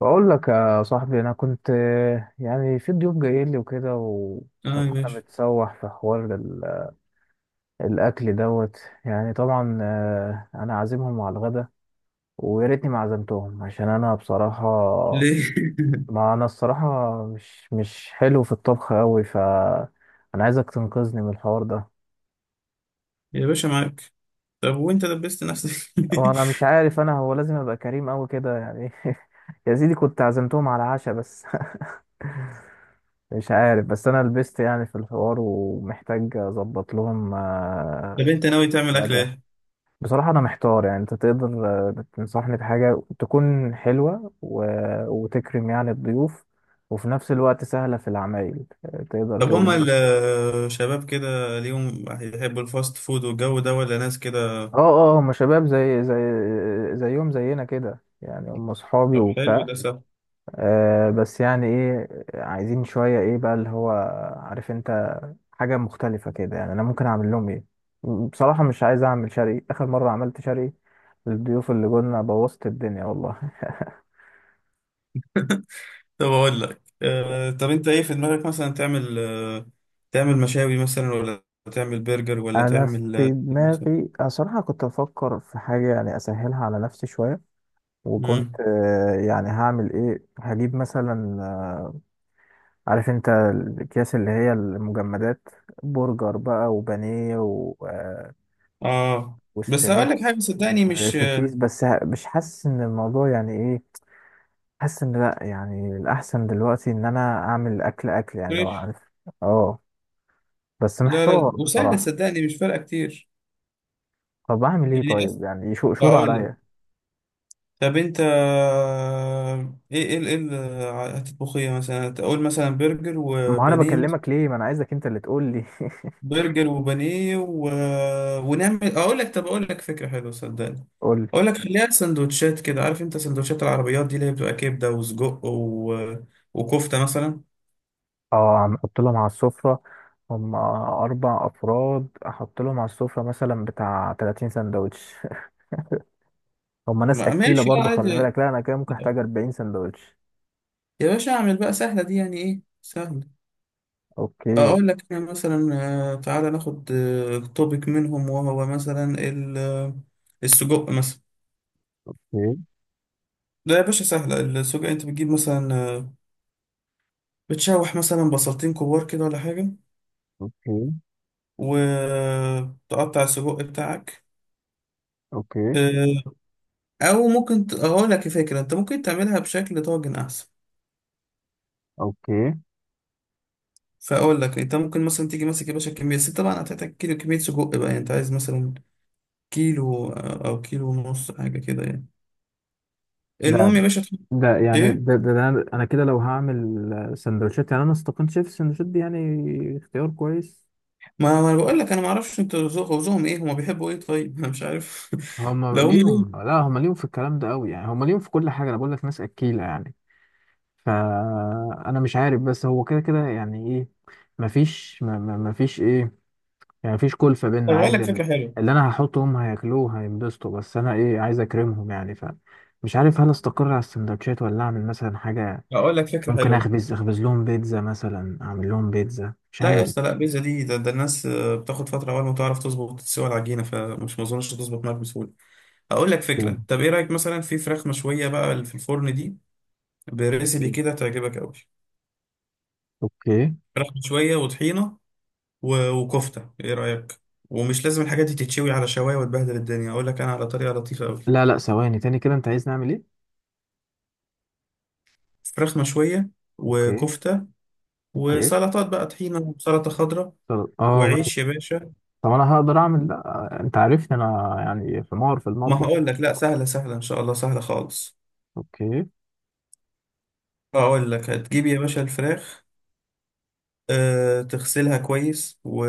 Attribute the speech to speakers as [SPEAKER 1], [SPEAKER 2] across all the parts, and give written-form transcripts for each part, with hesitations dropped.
[SPEAKER 1] بقول لك يا صاحبي، انا كنت يعني في ضيوف جايين لي وكده،
[SPEAKER 2] اه يا
[SPEAKER 1] والصراحه انا
[SPEAKER 2] باشا.
[SPEAKER 1] متسوح في حوار الاكل دوت. يعني طبعا انا عازمهم على الغدا، ويا ريتني ما عزمتهم، عشان انا بصراحه،
[SPEAKER 2] ليه؟
[SPEAKER 1] ما انا الصراحه مش حلو في الطبخ قوي. انا عايزك تنقذني من الحوار ده،
[SPEAKER 2] يا باشا معاك. طب وانت دبست نفسك؟
[SPEAKER 1] وانا مش عارف، انا هو لازم ابقى كريم قوي كده يعني. يا سيدي كنت عزمتهم على عشاء بس، مش عارف، بس انا لبست يعني في الحوار، ومحتاج اظبط لهم
[SPEAKER 2] طب انت ناوي تعمل اكل
[SPEAKER 1] غدا.
[SPEAKER 2] ايه؟
[SPEAKER 1] بصراحة انا محتار، يعني انت تقدر تنصحني بحاجة تكون حلوة وتكرم يعني الضيوف، وفي نفس الوقت سهلة في العمايل؟ تقدر
[SPEAKER 2] طب
[SPEAKER 1] تقول
[SPEAKER 2] هما
[SPEAKER 1] لي إيه؟
[SPEAKER 2] الشباب كده ليهم هيحبوا الفاست فود والجو ده ولا ناس كده؟
[SPEAKER 1] اه. اه، هم شباب زي زيهم زينا كده يعني، هم صحابي
[SPEAKER 2] طب حلو
[SPEAKER 1] وبتاع.
[SPEAKER 2] ده صح.
[SPEAKER 1] آه بس يعني ايه، عايزين شوية ايه بقى اللي هو، عارف انت، حاجة مختلفة كده. يعني أنا ممكن أعمل لهم إيه؟ بصراحة مش عايز أعمل شري، آخر مرة عملت شري للضيوف اللي جولنا بوظت الدنيا والله.
[SPEAKER 2] طب اقول لك. طب انت ايه في دماغك مثلا تعمل تعمل مشاوي مثلا، ولا تعمل برجر، ولا
[SPEAKER 1] أنا
[SPEAKER 2] تعمل
[SPEAKER 1] في دماغي، أنا صراحة كنت بفكر في حاجة يعني أسهلها على نفسي شوية. وكنت
[SPEAKER 2] مم.
[SPEAKER 1] يعني هعمل إيه، هجيب مثلا عارف أنت الأكياس اللي هي المجمدات، برجر بقى وبانيه و... آه،
[SPEAKER 2] اه بس هقول لك
[SPEAKER 1] وستريبس
[SPEAKER 2] حاجه صدقني، مش
[SPEAKER 1] وسوسيس. بس مش حاسس إن الموضوع يعني إيه. حاسس ان لا، يعني الاحسن دلوقتي ان انا اعمل اكل اكل يعني، لو
[SPEAKER 2] فريش.
[SPEAKER 1] عارف. اه، بس
[SPEAKER 2] لا لا
[SPEAKER 1] محتار
[SPEAKER 2] وسهله
[SPEAKER 1] بصراحه.
[SPEAKER 2] صدقني، مش فارقه كتير.
[SPEAKER 1] طب اعمل ايه
[SPEAKER 2] يعني
[SPEAKER 1] طيب؟ يعني شور
[SPEAKER 2] هقول لك.
[SPEAKER 1] عليا.
[SPEAKER 2] طب انت ايه اللي هتطبخ، ايه مثلا، تقول مثلا برجر
[SPEAKER 1] ما انا
[SPEAKER 2] وبانيه
[SPEAKER 1] بكلمك
[SPEAKER 2] مثلا؟
[SPEAKER 1] ليه، ما انا عايزك انت اللي تقول لي.
[SPEAKER 2] برجر وبانيه و... ونعمل، اقول لك، طب اقول لك فكره حلوه صدقني.
[SPEAKER 1] قول لي.
[SPEAKER 2] اقول لك خليها سندوتشات كده، عارف انت سندوتشات العربيات دي اللي هي بتبقى كبده وسجق و... وكفته مثلا.
[SPEAKER 1] اه عم احط لهم على السفره، هم اربع افراد، احط لهم على السفره مثلا بتاع 30 سندوتش. هم ناس اكيله
[SPEAKER 2] ماشي، اه
[SPEAKER 1] برضو خلي
[SPEAKER 2] عادي.
[SPEAKER 1] بالك، لا انا كده ممكن احتاج 40 سندوتش.
[SPEAKER 2] يا باشا اعمل بقى سهله دي، يعني ايه سهله.
[SPEAKER 1] اوكي.
[SPEAKER 2] اقول لك انا مثلا تعالى ناخد توبيك منهم، وهو مثلا ال- السجق مثلا.
[SPEAKER 1] اوكي.
[SPEAKER 2] لا يا باشا سهلة السجق، انت بتجيب مثلا بتشوح مثلا بصلتين كبار كده ولا حاجة،
[SPEAKER 1] اوكي.
[SPEAKER 2] وتقطع السجق بتاعك.
[SPEAKER 1] اوكي.
[SPEAKER 2] آه، او ممكن اقول لك فكرة، انت ممكن تعملها بشكل طاجن احسن.
[SPEAKER 1] اوكي.
[SPEAKER 2] فاقول لك انت ممكن مثلا تيجي ماسك يا باشا كمية، بس طبعا هتحتاج كيلو كمية سجق بقى، يعني انت عايز مثلا كيلو او كيلو ونص حاجة كده يعني.
[SPEAKER 1] ده
[SPEAKER 2] المهم يا باشا
[SPEAKER 1] ده يعني
[SPEAKER 2] ايه.
[SPEAKER 1] ده, ده, ده انا أنا كده لو هعمل سندوتشات يعني، انا استقلت شايف السندوتشات دي يعني اختيار كويس.
[SPEAKER 2] ما انا بقول لك، انا ما اعرفش انت ذوقهم ايه، هما بيحبوا ايه طيب انا مش عارف.
[SPEAKER 1] هما
[SPEAKER 2] لو هم ليهم،
[SPEAKER 1] ليهم، لا هما ليهم في الكلام ده قوي يعني، هما ليهم في كل حاجه، انا بقول لك ناس اكيله يعني. فانا مش عارف، بس هو كده كده يعني ايه، مفيش مفيش ايه، يعني مفيش كلفه
[SPEAKER 2] طب
[SPEAKER 1] بينا
[SPEAKER 2] اقول
[SPEAKER 1] عادي.
[SPEAKER 2] لك فكرة حلوة.
[SPEAKER 1] اللي انا هحطه هم هياكلوه هينبسطوا، بس انا ايه، عايز اكرمهم يعني، فمش عارف هل استقر على السندوتشات ولا اعمل مثلا حاجه؟
[SPEAKER 2] هقول لك فكرة
[SPEAKER 1] ممكن
[SPEAKER 2] حلوة.
[SPEAKER 1] اخبز لهم بيتزا مثلا، اعمل لهم بيتزا، مش
[SPEAKER 2] لا يا
[SPEAKER 1] عارف.
[SPEAKER 2] اسطى، لا بيتزا دي ده الناس بتاخد فتره اول ما تعرف تظبط تسوي العجينه، فمش، ما اظنش تظبط معاك بسهوله. اقول لك فكره،
[SPEAKER 1] مم.
[SPEAKER 2] طب ايه رايك مثلا في فراخ مشويه بقى اللي في الفرن دي؟ بريسيبي كده تعجبك قوي.
[SPEAKER 1] اوكي.
[SPEAKER 2] فراخ مشويه وطحينه وكفته، ايه رايك؟ ومش لازم الحاجات دي تتشوي على شوايه وتبهدل الدنيا، اقول لك انا على طريقه لطيفه قوي.
[SPEAKER 1] لا لا، ثواني تاني كده، انت عايز نعمل ايه؟
[SPEAKER 2] فراخ مشويه
[SPEAKER 1] اوكي.
[SPEAKER 2] وكفته
[SPEAKER 1] اوكي.
[SPEAKER 2] وسلطات بقى، طحينه وسلطه خضراء
[SPEAKER 1] طب اه ماشي.
[SPEAKER 2] وعيش يا باشا.
[SPEAKER 1] طب انا هقدر اعمل ده؟ انت عارفني انا يعني في مار في
[SPEAKER 2] ما
[SPEAKER 1] المطبخ.
[SPEAKER 2] هقول لك، لا سهله سهله ان شاء الله، سهله خالص.
[SPEAKER 1] اوكي.
[SPEAKER 2] اقول لك هتجيب يا باشا الفراخ تغسلها كويس و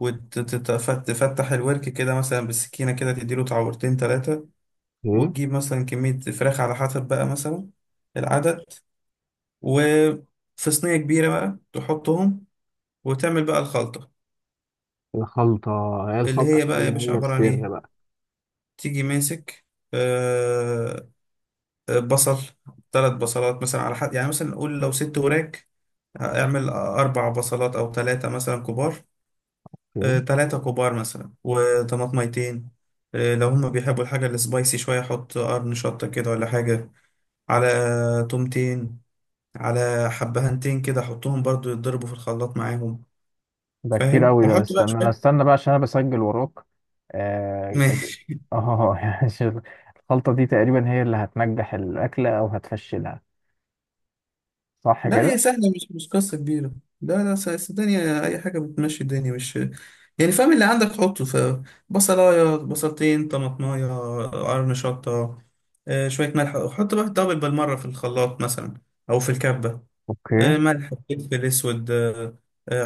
[SPEAKER 2] وتفتح الورك كده مثلا بالسكينة كده، تديله تعورتين تلاتة.
[SPEAKER 1] اوكي.
[SPEAKER 2] وتجيب مثلا كمية فراخ على حسب بقى مثلا العدد، وفي صينية كبيرة بقى تحطهم، وتعمل بقى الخلطة.
[SPEAKER 1] الخلطة، هي
[SPEAKER 2] اللي
[SPEAKER 1] الخلطة
[SPEAKER 2] هي بقى
[SPEAKER 1] تقول
[SPEAKER 2] يا
[SPEAKER 1] ان
[SPEAKER 2] باشا
[SPEAKER 1] هي
[SPEAKER 2] عبارة عن
[SPEAKER 1] السر
[SPEAKER 2] إيه:
[SPEAKER 1] بقى.
[SPEAKER 2] تيجي ماسك آه، بصل. 3 بصلات مثلا على حد، يعني مثلا نقول لو 6 وراك، اعمل 4 بصلات أو تلاتة مثلا كبار.
[SPEAKER 1] اوكي.
[SPEAKER 2] تلاتة كبار مثلا وطماطميتين. لو هما بيحبوا الحاجة السبايسي شوية، حط قرن شطة كده ولا حاجة، على تومتين، على حبهنتين كده، حطهم برضو يتضربوا في الخلاط معاهم.
[SPEAKER 1] ده كتير
[SPEAKER 2] فاهم.
[SPEAKER 1] قوي ده،
[SPEAKER 2] وحط بقى
[SPEAKER 1] استنى، انا
[SPEAKER 2] شوية
[SPEAKER 1] استنى بقى عشان انا بسجل وراك. اه.
[SPEAKER 2] ماشي.
[SPEAKER 1] اه. يعني شوف، الخلطة دي تقريبا هي اللي هتنجح الاكلة او هتفشلها، صح
[SPEAKER 2] لا هي
[SPEAKER 1] كده؟
[SPEAKER 2] سهلة، مش مش قصة كبيرة. لا لا الدنيا أي حاجة بتمشي، الدنيا مش، يعني فاهم؟ اللي عندك حطه، فبصلاية بصلتين طماطماية قرن شطة شوية ملح، وحط بقى الدبل بالمرة في الخلاط مثلا أو في الكبة.
[SPEAKER 1] اوكي.
[SPEAKER 2] ملح، فلفل اسود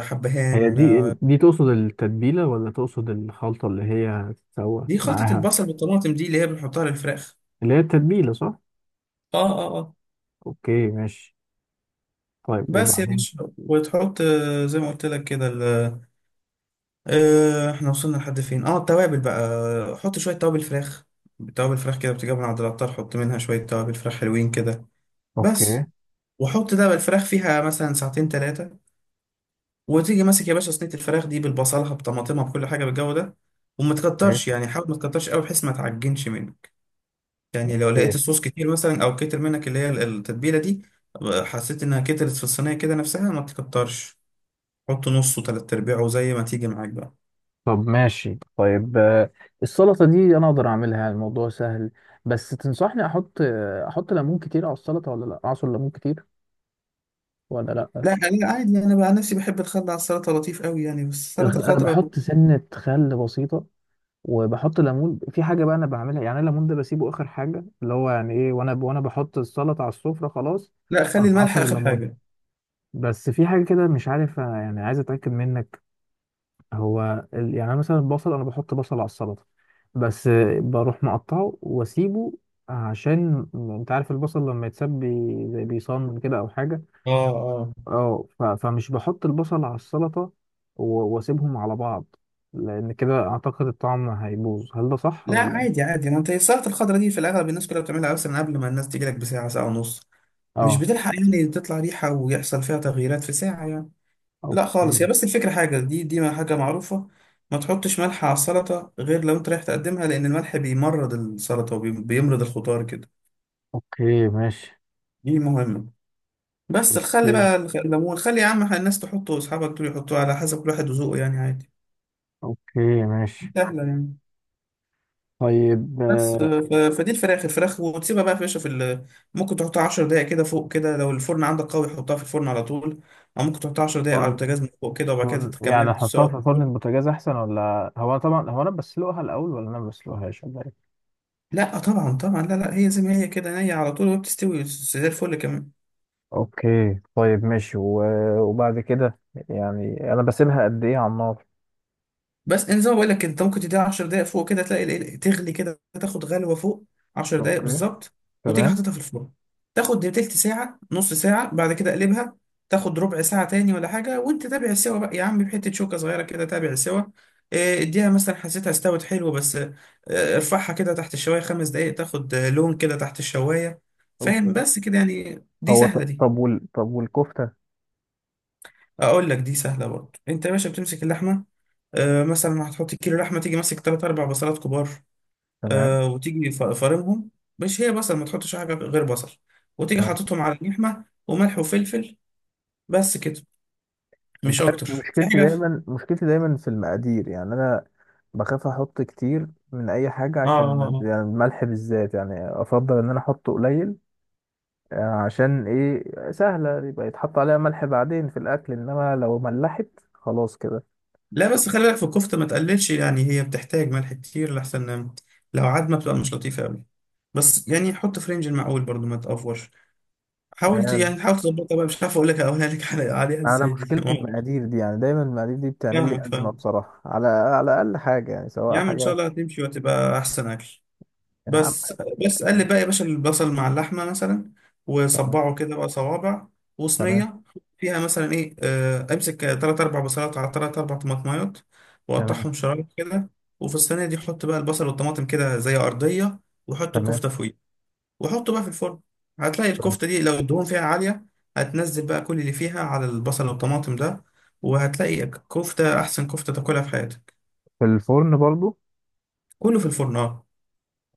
[SPEAKER 1] هي
[SPEAKER 2] حبهان
[SPEAKER 1] دي دي تقصد التتبيلة ولا تقصد الخلطة اللي هي هتتسوى
[SPEAKER 2] دي خلطة
[SPEAKER 1] معاها؟
[SPEAKER 2] البصل بالطماطم، دي اللي هي بنحطها للفراخ.
[SPEAKER 1] اللي هي التتبيلة صح؟
[SPEAKER 2] اه اه اه.
[SPEAKER 1] اوكي ماشي. طيب
[SPEAKER 2] بس يا
[SPEAKER 1] وبعدين؟
[SPEAKER 2] باشا، وتحط زي ما قلت لك كده احنا وصلنا لحد فين، اه التوابل بقى، حط شوية توابل فراخ. توابل فراخ كده بتجيب من عند العطار، حط منها شوية توابل فراخ حلوين كده
[SPEAKER 1] اوكي.
[SPEAKER 2] بس. وحط ده بالفراخ فيها مثلا ساعتين ثلاثة، وتيجي ماسك يا باشا صينية الفراخ دي بالبصلها بطماطمها بكل حاجة بالجو ده. وما
[SPEAKER 1] اوكي.
[SPEAKER 2] تكترش، يعني حاول ما تكترش قوي بحيث ما تعجنش منه. يعني لو لقيت
[SPEAKER 1] اوكي.
[SPEAKER 2] الصوص كتير مثلا، او كتر منك اللي هي التتبيله دي، حسيت انها كترت في الصينيه كده نفسها، ما تكترش. حط نصه تلات ارباعه زي ما تيجي معاك بقى.
[SPEAKER 1] طب ماشي. طيب السلطة دي انا اقدر اعملها يعني الموضوع سهل، بس تنصحني احط احط ليمون كتير على السلطة، ولا لا اعصر ليمون كتير ولا لا؟
[SPEAKER 2] لا لا عادي، انا بقى نفسي بحب الخل على السلطه لطيف قوي يعني، بس السلطه
[SPEAKER 1] انا
[SPEAKER 2] الخضراء.
[SPEAKER 1] بحط سنة خل بسيطة، وبحط ليمون في حاجه بقى انا بعملها يعني. الليمون ده بسيبه اخر حاجه، اللي هو يعني ايه، وانا بحط السلطه على السفره خلاص
[SPEAKER 2] لا خلي
[SPEAKER 1] أروح
[SPEAKER 2] الملح
[SPEAKER 1] عصر
[SPEAKER 2] اخر
[SPEAKER 1] الليمون.
[SPEAKER 2] حاجه.
[SPEAKER 1] بس في حاجه كده مش عارف، يعني عايز اتاكد منك. هو يعني أنا مثلا البصل، انا بحط بصل على السلطه، بس بروح مقطعه واسيبه، عشان انت عارف البصل لما يتساب زي بيصان كده او حاجه.
[SPEAKER 2] اه اه.
[SPEAKER 1] اه، فمش بحط البصل على السلطه، واسيبهم على بعض، لان كده اعتقد الطعم هيبوظ، هل ده صح
[SPEAKER 2] لا
[SPEAKER 1] ولا؟
[SPEAKER 2] عادي عادي، ما انت السلطه الخضراء دي في الاغلب الناس كلها بتعملها مثلا قبل ما الناس تيجي لك بساعه، ساعه ونص، مش
[SPEAKER 1] اه.
[SPEAKER 2] بتلحق يعني تطلع ريحه ويحصل فيها تغييرات في ساعه يعني. لا خالص، هي
[SPEAKER 1] اوكي.
[SPEAKER 2] بس الفكرة حاجة دي ما حاجة معروفة: ما تحطش ملح على السلطة غير لو انت رايح تقدمها، لأن الملح بيمرض السلطة وبيمرض الخضار كده.
[SPEAKER 1] اوكي ماشي.
[SPEAKER 2] دي مهمة. بس الخل
[SPEAKER 1] اوكي.
[SPEAKER 2] بقى الليمون، خلي يا عم الناس تحطه، أصحابك دول يحطوه على حسب كل واحد وذوقه يعني عادي.
[SPEAKER 1] اوكي
[SPEAKER 2] دي
[SPEAKER 1] ماشي.
[SPEAKER 2] سهلة يعني.
[SPEAKER 1] طيب
[SPEAKER 2] بس فدي الفراخ، الفراخ وتسيبها بقى يا باشا في ال... ممكن تحطها 10 دقايق كده فوق كده، لو الفرن عندك قوي حطها في الفرن على طول، أو ممكن تحطها 10 دقايق على
[SPEAKER 1] فرن،
[SPEAKER 2] البوتاجاز من فوق كده وبعد كده
[SPEAKER 1] فرن يعني
[SPEAKER 2] تكملها
[SPEAKER 1] احطها
[SPEAKER 2] سوا.
[SPEAKER 1] في فرن البوتاجاز احسن، ولا هو، أنا طبعا هو انا بسلقها الاول، ولا انا ما بسلقهاش، ولا ايه؟
[SPEAKER 2] لا طبعا طبعا، لا لا هي زي ما هي كده نية على طول، وبتستوي زي الفل كمان.
[SPEAKER 1] اوكي طيب ماشي. وبعد كده يعني انا بسيبها قد ايه على النار؟
[SPEAKER 2] بس إن زي ما بقول لك، انت ممكن تديها 10 دقايق فوق كده تلاقي تغلي كده، تاخد غلوه فوق، 10 دقايق
[SPEAKER 1] اوكي.
[SPEAKER 2] بالظبط. وتيجي
[SPEAKER 1] تمام.
[SPEAKER 2] حاططها في الفرن، تاخد تلت ساعه نص ساعه، بعد كده اقلبها، تاخد ربع ساعه تاني ولا حاجه، وانت تابع السوا بقى يا عم، بحته شوكه صغيره كده تابع السوا. إيه، اديها مثلا، حسيتها استوت حلو بس ارفعها كده تحت الشوايه 5 دقايق، تاخد لون كده تحت الشوايه. فاهم؟
[SPEAKER 1] اوكي.
[SPEAKER 2] بس كده يعني، دي
[SPEAKER 1] هو
[SPEAKER 2] سهله دي.
[SPEAKER 1] طب طب والكفتة؟
[SPEAKER 2] اقول لك دي سهله برضه، انت يا باشا بتمسك اللحمه مثلا هتحط كيلو لحمه، تيجي ماسك تلات اربع بصلات كبار.
[SPEAKER 1] تمام.
[SPEAKER 2] وتيجي فارمهم، مش هي بصل، ما تحطش حاجه غير بصل. وتيجي حاططهم على اللحمه وملح وفلفل، بس كده،
[SPEAKER 1] انت
[SPEAKER 2] مش اكتر.
[SPEAKER 1] عارف
[SPEAKER 2] في
[SPEAKER 1] مشكلتي
[SPEAKER 2] حاجه في...
[SPEAKER 1] دايما، مشكلتي دايما في المقادير يعني، انا بخاف احط كتير من اي حاجه،
[SPEAKER 2] اه
[SPEAKER 1] عشان يعني الملح بالذات يعني افضل ان انا احطه قليل. عشان ايه، سهله يبقى يتحط عليها ملح بعدين في الاكل، انما لو ملحت خلاص كده.
[SPEAKER 2] لا بس خلي بالك في الكفته ما تقللش، يعني هي بتحتاج ملح كتير، لحسن لو عدمه بتبقى مش لطيفه قوي. بس يعني حط في رينج المعقول برضو ما تقفرش. حاولت
[SPEAKER 1] يعني
[SPEAKER 2] يعني، حاول تظبطها بقى، مش عارف اقول لك اقولها لك عليها
[SPEAKER 1] انا
[SPEAKER 2] ازاي دي ما
[SPEAKER 1] مشكلتي
[SPEAKER 2] أعرفش.
[SPEAKER 1] المقادير دي يعني، دايما المقادير دي بتعمل لي
[SPEAKER 2] فاهمك
[SPEAKER 1] ازمه
[SPEAKER 2] فاهمك.
[SPEAKER 1] بصراحه، على على اقل حاجه يعني،
[SPEAKER 2] يا
[SPEAKER 1] سواء
[SPEAKER 2] عم ان شاء
[SPEAKER 1] حاجه.
[SPEAKER 2] الله هتمشي وهتبقى احسن اكل.
[SPEAKER 1] يا عم
[SPEAKER 2] بس بس قال لي
[SPEAKER 1] يعني.
[SPEAKER 2] بقى يا باشا البصل مع اللحمه مثلا،
[SPEAKER 1] تمام.
[SPEAKER 2] وصبعه كده بقى صوابع
[SPEAKER 1] تمام.
[SPEAKER 2] وصينيه فيها مثلا ايه. امسك تلات اربع بصلات على تلات اربع طماطمايات،
[SPEAKER 1] تمام.
[SPEAKER 2] وقطعهم شرايح كده. وفي الصينيه دي حط بقى البصل والطماطم كده زي ارضيه، وحط
[SPEAKER 1] تمام.
[SPEAKER 2] كفته فوقيه، وحطه بقى في الفرن. هتلاقي الكفته دي لو الدهون فيها عاليه هتنزل بقى كل اللي فيها على البصل والطماطم ده، وهتلاقي كفته احسن كفته تاكلها في حياتك.
[SPEAKER 1] في الفرن برضو؟
[SPEAKER 2] كله في الفرن اه.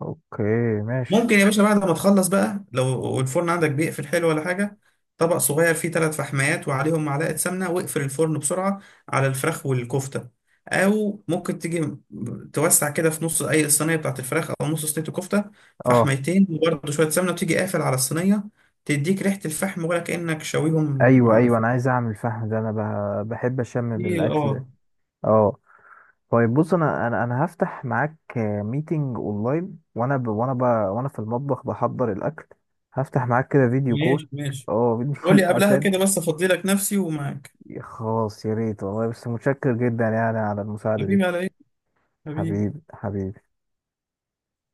[SPEAKER 1] اوكي ماشي.
[SPEAKER 2] ممكن يا باشا بعد ما تخلص بقى، لو الفرن عندك بيقفل حلو ولا حاجة، طبق صغير فيه 3 فحميات وعليهم معلقة سمنة، واقفل الفرن بسرعة على الفراخ والكفتة. أو ممكن تيجي توسع كده في نص أي الصينية بتاعت الفراخ أو نص صينية الكفتة،
[SPEAKER 1] اه.
[SPEAKER 2] فحميتين وبرده شوية سمنة، وتيجي قافل على الصينية. تديك ريحة الفحم، ولا كأنك شاويهم
[SPEAKER 1] ايوه
[SPEAKER 2] على
[SPEAKER 1] ايوه،
[SPEAKER 2] الفحم.
[SPEAKER 1] انا عايز اعمل فحم ده، انا بحب اشم
[SPEAKER 2] دي
[SPEAKER 1] بالاكل.
[SPEAKER 2] اه.
[SPEAKER 1] اه. طيب بص، انا هفتح معاك ميتنج اونلاين، وانا في المطبخ بحضر الاكل. هفتح معاك كده فيديو كول.
[SPEAKER 2] ماشي ماشي.
[SPEAKER 1] اه فيديو كول.
[SPEAKER 2] قولي قبلها
[SPEAKER 1] عشان،
[SPEAKER 2] كده، بس أفضي لك نفسي ومعاك.
[SPEAKER 1] خلاص يا ريت والله، بس متشكر جدا يعني على المساعدة دي.
[SPEAKER 2] حبيبي على إيه؟ حبيبي.
[SPEAKER 1] حبيبي حبيبي.